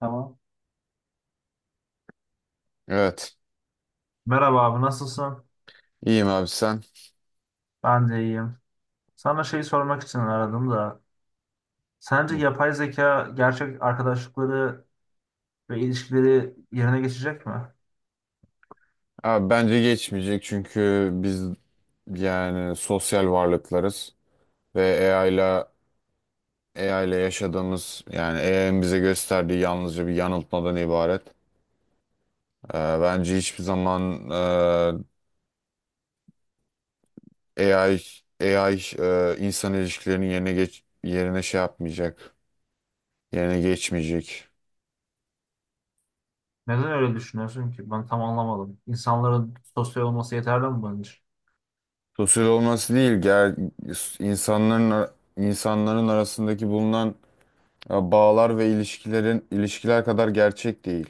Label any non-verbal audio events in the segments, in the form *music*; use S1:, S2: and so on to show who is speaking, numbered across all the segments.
S1: Tamam.
S2: Evet.
S1: Merhaba abi nasılsın?
S2: İyiyim abi, sen?
S1: Ben de iyiyim. Sana şey sormak için aradım da. Sence
S2: Hı.
S1: yapay zeka gerçek arkadaşlıkları ve ilişkileri yerine geçecek mi?
S2: Abi bence geçmeyecek çünkü biz yani sosyal varlıklarız ve AI ile yaşadığımız yani AI'nin bize gösterdiği yalnızca bir yanıltmadan ibaret. Bence hiçbir zaman e, AI AI insan ilişkilerinin yerine şey yapmayacak. Yerine geçmeyecek.
S1: Neden öyle düşünüyorsun ki? Ben tam anlamadım. İnsanların sosyal olması yeterli mi bunun için?
S2: Sosyal olması değil, insanların insanların arasındaki bulunan ya bağlar ve ilişkiler kadar gerçek değil.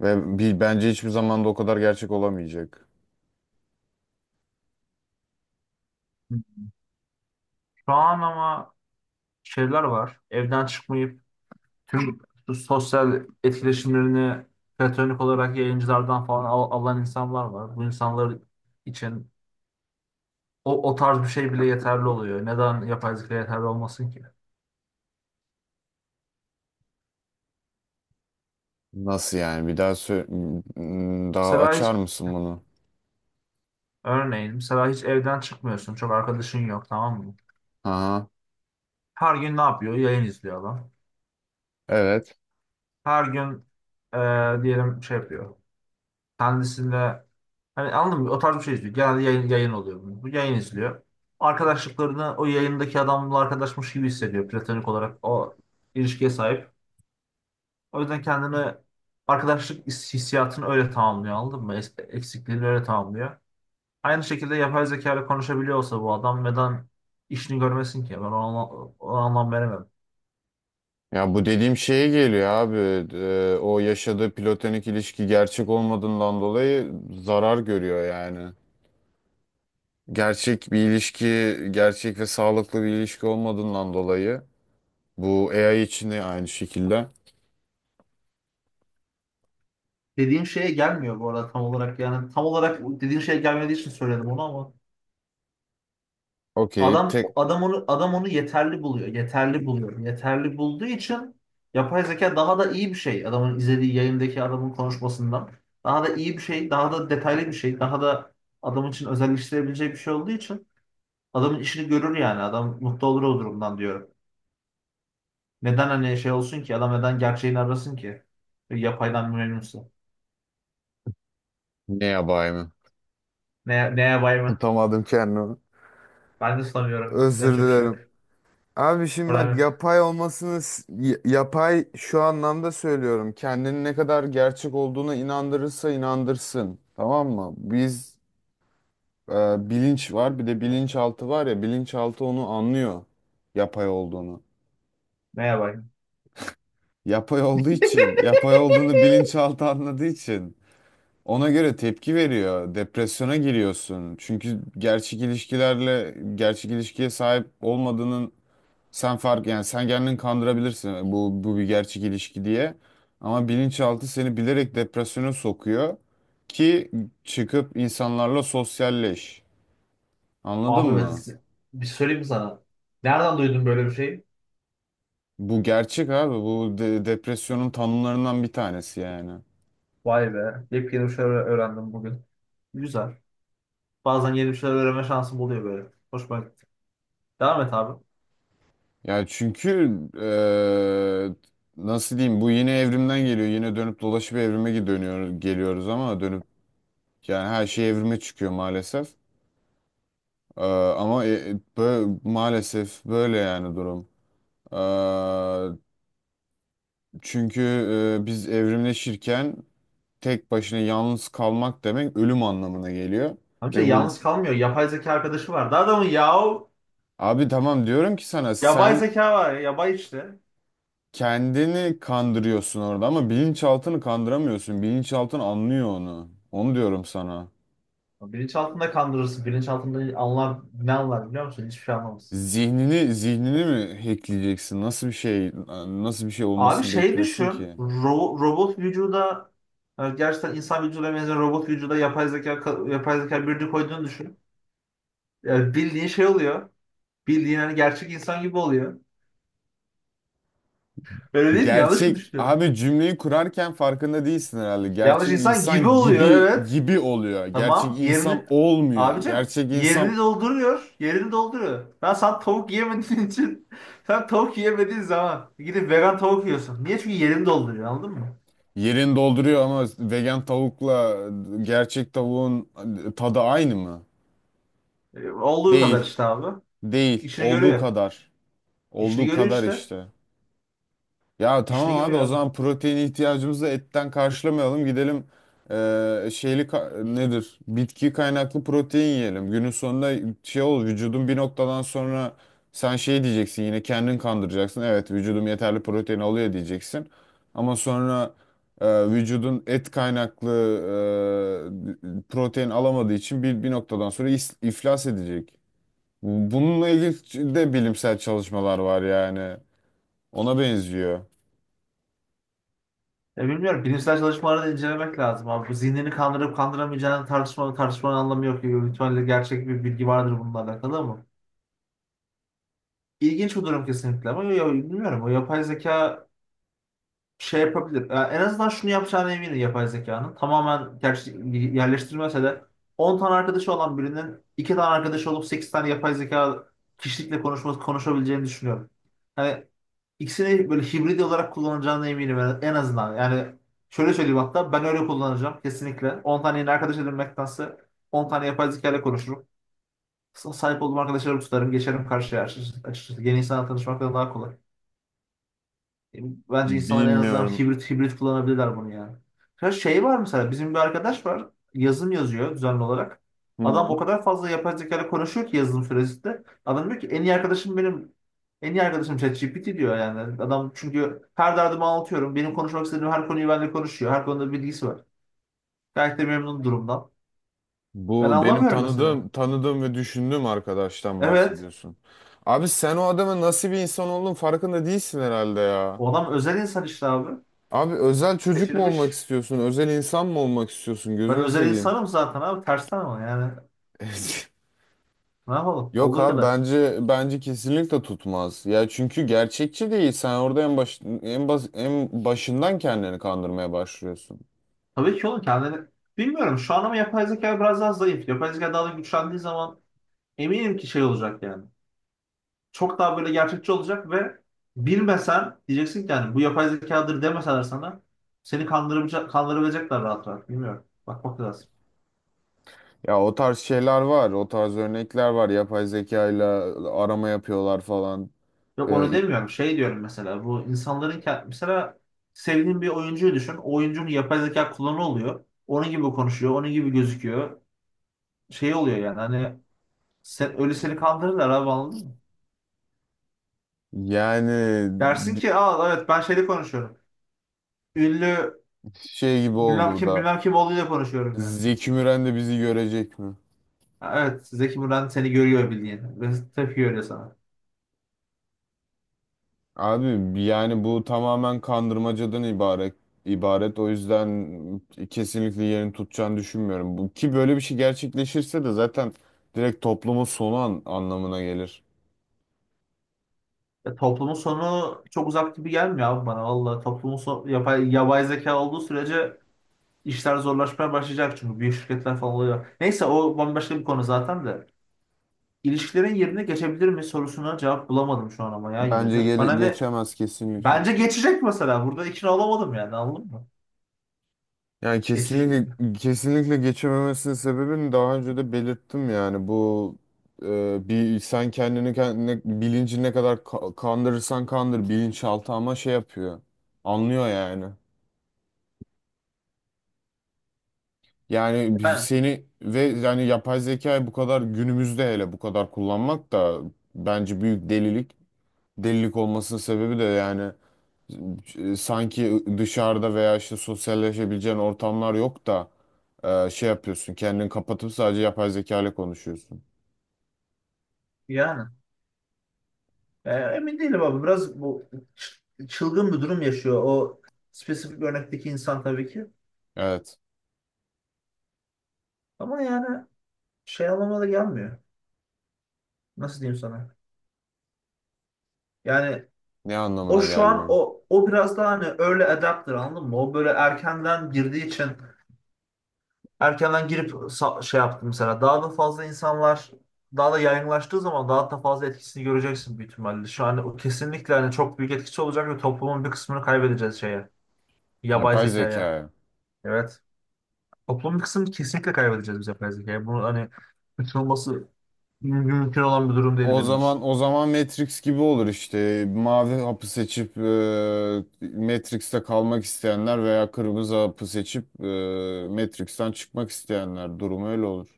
S2: Ve bence hiçbir zaman da o kadar gerçek olamayacak.
S1: Şu an ama şeyler var. Evden çıkmayıp tüm bu sosyal etkileşimlerini platonik olarak yayıncılardan falan alan insanlar var. Bu insanlar için O tarz bir şey bile yeterli oluyor. Neden yapay zeka yeterli olmasın ki?
S2: Nasıl yani? Bir daha daha
S1: Mesela hiç
S2: açar mısın bunu?
S1: örneğin mesela hiç evden çıkmıyorsun. Çok arkadaşın yok, tamam mı?
S2: Aha,
S1: Her gün ne yapıyor? Yayın izliyor adam.
S2: evet.
S1: Her gün diyelim şey yapıyor. Kendisinde hani anladın mı? O tarz bir şey izliyor. Genelde yayın oluyor bunun. Bu yayın izliyor. Arkadaşlıklarını o yayındaki adamla arkadaşmış gibi hissediyor. Platonik olarak o ilişkiye sahip. O yüzden kendini arkadaşlık hissiyatını öyle tamamlıyor, anladın mı? Eksikliğini öyle tamamlıyor. Aynı şekilde yapay zeka ile konuşabiliyor olsa bu adam neden işini görmesin ki? O anlam veremem.
S2: Ya bu dediğim şeye geliyor abi. O yaşadığı platonik ilişki gerçek olmadığından dolayı zarar görüyor yani. Gerçek bir ilişki, gerçek ve sağlıklı bir ilişki olmadığından dolayı bu AI için de aynı şekilde.
S1: Dediğin şeye gelmiyor bu arada tam olarak, yani tam olarak dediğin şeye gelmediği için söyledim onu ama
S2: Okey,
S1: adam adam onu adam onu yeterli buluyor. Yeterli buluyor. Yeterli bulduğu için yapay zeka daha da iyi bir şey. Adamın izlediği yayındaki adamın konuşmasından daha da iyi bir şey, daha da detaylı bir şey, daha da adam için özelleştirebileceği bir şey olduğu için adamın işini görür yani. Adam mutlu olur o durumdan diyorum. Neden hani şey olsun ki? Adam neden gerçeğini arasın ki? Yapaydan memnunsa.
S2: ne yapayım?
S1: Ne yapay
S2: *laughs*
S1: mı?
S2: Tutamadım kendimi.
S1: Ben de sanıyorum.
S2: Özür
S1: Yapacak bir şey yok.
S2: dilerim. Abi şimdi
S1: Problem
S2: bak,
S1: yok.
S2: yapay olmasını yapay şu anlamda söylüyorum. Kendini ne kadar gerçek olduğuna inandırırsa inandırsın. Tamam mı? Biz e, bilinç var, bir de bilinçaltı var ya, bilinçaltı onu anlıyor, yapay olduğunu.
S1: Ne yapay?
S2: Yapay olduğu için, yapay olduğunu bilinçaltı anladığı için ona göre tepki veriyor. Depresyona giriyorsun. Çünkü gerçek ilişkilerle gerçek ilişkiye sahip olmadığının. Sen fark Yani sen kendini kandırabilirsin, bu bir gerçek ilişki diye. Ama bilinçaltı seni bilerek depresyona sokuyor ki çıkıp insanlarla sosyalleş. Anladın
S1: Abi ben
S2: mı?
S1: size- Bir söyleyeyim mi sana. Nereden duydun böyle bir şey?
S2: Bu gerçek abi. Bu depresyonun tanımlarından bir tanesi yani.
S1: Vay be. Yepyeni bir şeyler öğrendim bugün. Güzel. Bazen yeni bir şeyler öğrenme şansım oluyor böyle. Hoşuma gitti. Devam et abi.
S2: Ya çünkü nasıl diyeyim, bu yine evrimden geliyor. Yine dönüp dolaşıp evrime dönüyor geliyoruz, ama yani her şey evrime çıkıyor maalesef. Eee, Ama maalesef böyle yani durum. Eee, Çünkü biz evrimleşirken tek başına yalnız kalmak demek ölüm anlamına geliyor.
S1: Amca
S2: Ve
S1: yalnız kalmıyor. Yapay zeka arkadaşı var. Daha adamın yahu
S2: abi tamam, diyorum ki sana,
S1: yapay
S2: sen
S1: zeka var ya. Yabay işte.
S2: kendini kandırıyorsun orada ama bilinçaltını kandıramıyorsun. Bilinçaltın anlıyor onu. Onu diyorum sana.
S1: Bilinçaltında kandırırsın. Bilinçaltında anlar, ne anlar biliyor musun? Hiçbir şey anlamaz.
S2: Zihnini mi hackleyeceksin? Nasıl bir şey
S1: Abi
S2: olmasını
S1: şey
S2: bekliyorsun
S1: düşün.
S2: ki?
S1: Robot vücuda gerçekten insan vücuduna benzer robot vücuda yapay zeka birini koyduğunu düşün. E, bildiğin şey oluyor. Bildiğin hani gerçek insan gibi oluyor. Öyle değil mi? Yanlış mı
S2: Gerçek
S1: düşünüyorum?
S2: abi, cümleyi kurarken farkında değilsin herhalde.
S1: Yanlış
S2: Gerçek
S1: insan gibi
S2: insan
S1: oluyor,
S2: gibi
S1: evet.
S2: gibi oluyor. Gerçek
S1: Tamam.
S2: insan
S1: Yerini
S2: olmuyor.
S1: abicim
S2: Gerçek insan
S1: yerini dolduruyor. Yerini dolduruyor. Sen tavuk yiyemediğin için *laughs* sen tavuk yiyemediğin zaman gidip vegan tavuk yiyorsun. Niye? Çünkü yerini dolduruyor, anladın mı?
S2: yerini dolduruyor ama vegan tavukla gerçek tavuğun tadı aynı mı?
S1: E, olduğu kadar
S2: Değil.
S1: işte abi.
S2: Değil.
S1: İşini
S2: Olduğu
S1: görüyor.
S2: kadar.
S1: İşini
S2: Olduğu
S1: görüyor
S2: kadar
S1: işte.
S2: işte. Ya
S1: İşini
S2: tamam abi,
S1: görüyor
S2: o
S1: abi.
S2: zaman protein ihtiyacımızı etten karşılamayalım. Gidelim nedir? Bitki kaynaklı protein yiyelim. Günün sonunda şey ol vücudun bir noktadan sonra sen şey diyeceksin, yine kendin kandıracaksın. Evet, vücudum yeterli protein alıyor diyeceksin. Ama sonra vücudun et kaynaklı protein alamadığı için bir noktadan sonra iflas edecek. Bununla ilgili de bilimsel çalışmalar var yani. Ona benziyor.
S1: Ya bilmiyorum. Bilimsel çalışmaları da incelemek lazım abi. Bu zihnini kandırıp kandıramayacağını tartışmanın anlamı yok. Gibi. Büyük ihtimalle gerçek bir bilgi vardır bununla alakalı ama. İlginç bir durum kesinlikle ama ya, bilmiyorum. O yapay zeka şey yapabilir. Ya en azından şunu yapacağına eminim yapay zekanın. Tamamen gerçek, yerleştirmese de 10 tane arkadaşı olan birinin 2 tane arkadaşı olup 8 tane yapay zeka kişilikle konuşabileceğini düşünüyorum. Hani İkisini böyle hibrit olarak kullanacağına eminim en azından. Yani şöyle söyleyeyim, hatta ben öyle kullanacağım kesinlikle. 10 tane yeni arkadaş edinmektense 10 tane yapay zeka ile konuşurum. Sahip olduğum arkadaşlarımı tutarım, geçerim karşıya açıkçası. Açıkçası yeni insanla tanışmaktan daha kolay. Bence insanlar en azından
S2: Bilmiyorum.
S1: hibrit kullanabilirler bunu yani. Ya şey var mesela bizim bir arkadaş var, yazım yazıyor düzenli olarak. Adam o
S2: Hı.
S1: kadar fazla yapay zekayla konuşuyor ki yazılım süresinde. Adam diyor ki en iyi arkadaşım benim, en iyi arkadaşım ChatGPT diyor yani. Adam çünkü her derdimi anlatıyorum. Benim konuşmak istediğim her konuyu benimle konuşuyor. Her konuda bilgisi var. Gayet de memnun durumdan. Ben
S2: Bu benim
S1: anlamıyorum mesela.
S2: tanıdığım ve düşündüğüm arkadaştan
S1: Evet.
S2: bahsediyorsun. Abi sen o adamın nasıl bir insan olduğunun farkında değilsin herhalde ya.
S1: O adam özel insan işte abi.
S2: Abi, özel çocuk mu olmak
S1: Seçilmiş.
S2: istiyorsun? Özel insan mı olmak istiyorsun?
S1: Ben
S2: Gözünü
S1: özel
S2: seveyim.
S1: insanım zaten abi. Tersten ama yani.
S2: *laughs*
S1: Ne yapalım?
S2: Yok
S1: Olduğu
S2: abi,
S1: kadar.
S2: bence kesinlikle tutmaz. Ya çünkü gerçekçi değil. Sen orada en başından kendini kandırmaya başlıyorsun.
S1: Tabii ki oğlum kendini bilmiyorum şu an ama yapay zeka biraz daha zayıf. Yapay zeka daha da güçlendiği zaman eminim ki şey olacak yani. Çok daha böyle gerçekçi olacak ve bilmesen diyeceksin ki yani bu yapay zekadır demeseler sana seni kandırabilecekler rahat rahat. Bilmiyorum. Bakmak lazım.
S2: Ya o tarz şeyler var, o tarz örnekler var. Yapay zekayla arama yapıyorlar falan.
S1: Yok onu
S2: Ee,
S1: demiyorum. Şey diyorum mesela bu insanların mesela sevdiğin bir oyuncuyu düşün. O oyuncunun yapay zeka kullanı oluyor. Onun gibi konuşuyor. Onun gibi gözüküyor. Şey oluyor yani hani sen, öyle seni kandırırlar abi, anladın mı?
S2: Yani
S1: Dersin
S2: bi-
S1: ki aa evet ben şeyle konuşuyorum. Ünlü
S2: şey gibi oldu
S1: bilmem
S2: bu
S1: kim
S2: da.
S1: bilmem kim olduğuyla konuşuyorum yani.
S2: Zeki Müren de bizi görecek mi?
S1: Ha, evet Zeki Müren seni görüyor bildiğin ve tepki görüyor sana.
S2: Abi yani bu tamamen kandırmacadan ibaret. O yüzden kesinlikle yerini tutacağını düşünmüyorum. Ki böyle bir şey gerçekleşirse de zaten direkt toplumun sonu anlamına gelir.
S1: Ya, toplumun sonu çok uzak gibi gelmiyor abi bana valla. Toplumun sonu yapay zeka olduğu sürece işler zorlaşmaya başlayacak çünkü büyük şirketler falan oluyor. Neyse o bambaşka bir konu zaten de. İlişkilerin yerine geçebilir mi sorusuna cevap bulamadım şu an ama ya yine
S2: Bence
S1: de. Bana ne,
S2: geçemez kesinlikle.
S1: bence geçecek mesela, burada ikna olamadım yani, anladın mı?
S2: Yani
S1: Geçecek.
S2: kesinlikle geçememesinin sebebini daha önce de belirttim yani. Bu e, bir sen kendini kendine bilinci ne kadar kandırırsan kandır, bilinçaltı ama şey yapıyor, anlıyor yani. Yani
S1: Yani,
S2: seni ve yani yapay zekayı bu kadar günümüzde, hele bu kadar kullanmak da bence büyük delilik. Delilik olmasının sebebi de yani sanki dışarıda veya işte sosyalleşebileceğin ortamlar yok da şey yapıyorsun. Kendini kapatıp sadece yapay zeka ile konuşuyorsun.
S1: yani. E, emin değilim abi. Biraz bu çılgın bir durum yaşıyor. O spesifik örnekteki insan tabii ki.
S2: Evet.
S1: Ama yani şey anlamına da gelmiyor. Nasıl diyeyim sana? Yani
S2: Ne
S1: o
S2: anlamına
S1: şu an
S2: gelmiyor?
S1: o o biraz daha hani early adapter, anladın mı? O böyle erkenden girdiği için erkenden girip şey yaptı mesela. Daha da fazla insanlar daha da yaygınlaştığı zaman daha da fazla etkisini göreceksin büyük ihtimalle. Şu an o kesinlikle hani çok büyük etkisi olacak ve toplumun bir kısmını kaybedeceğiz şeye. Yapay
S2: Yapay
S1: zekaya.
S2: zekaya.
S1: Evet. Toplumun bir kısmını kesinlikle kaybedeceğiz biz yapay zekaya. Bunu hani kaçınılması mümkün olan bir durum değil benim için.
S2: O zaman Matrix gibi olur işte. Mavi hapı seçip Matrix'te kalmak isteyenler veya kırmızı hapı seçip Matrix'ten çıkmak isteyenler durumu öyle olur.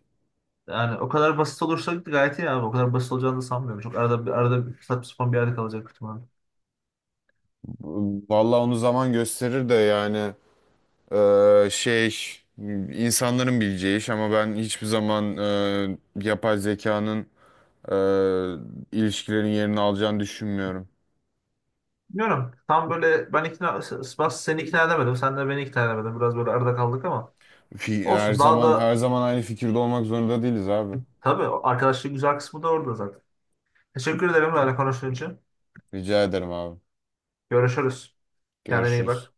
S1: Yani o kadar basit olursa gayet iyi abi. O kadar basit olacağını da sanmıyorum. Çok arada bir saçma sapan bir yerde kalacak ihtimalle.
S2: Vallahi onu zaman gösterir de yani. Ee, şey insanların bileceği iş, ama ben hiçbir zaman yapay zekanın ilişkilerin yerini alacağını düşünmüyorum.
S1: Bilmiyorum. Tam böyle ben ikna, Ben seni ikna edemedim. Sen de beni ikna edemedin. Biraz böyle arada kaldık ama
S2: Her
S1: olsun. Daha
S2: zaman
S1: da
S2: her zaman aynı fikirde olmak zorunda değiliz abi.
S1: tabii arkadaşlık güzel kısmı da orada zaten. Teşekkür ederim benimle konuştuğun için.
S2: Rica ederim abi.
S1: Görüşürüz. Kendine iyi
S2: Görüşürüz.
S1: bak.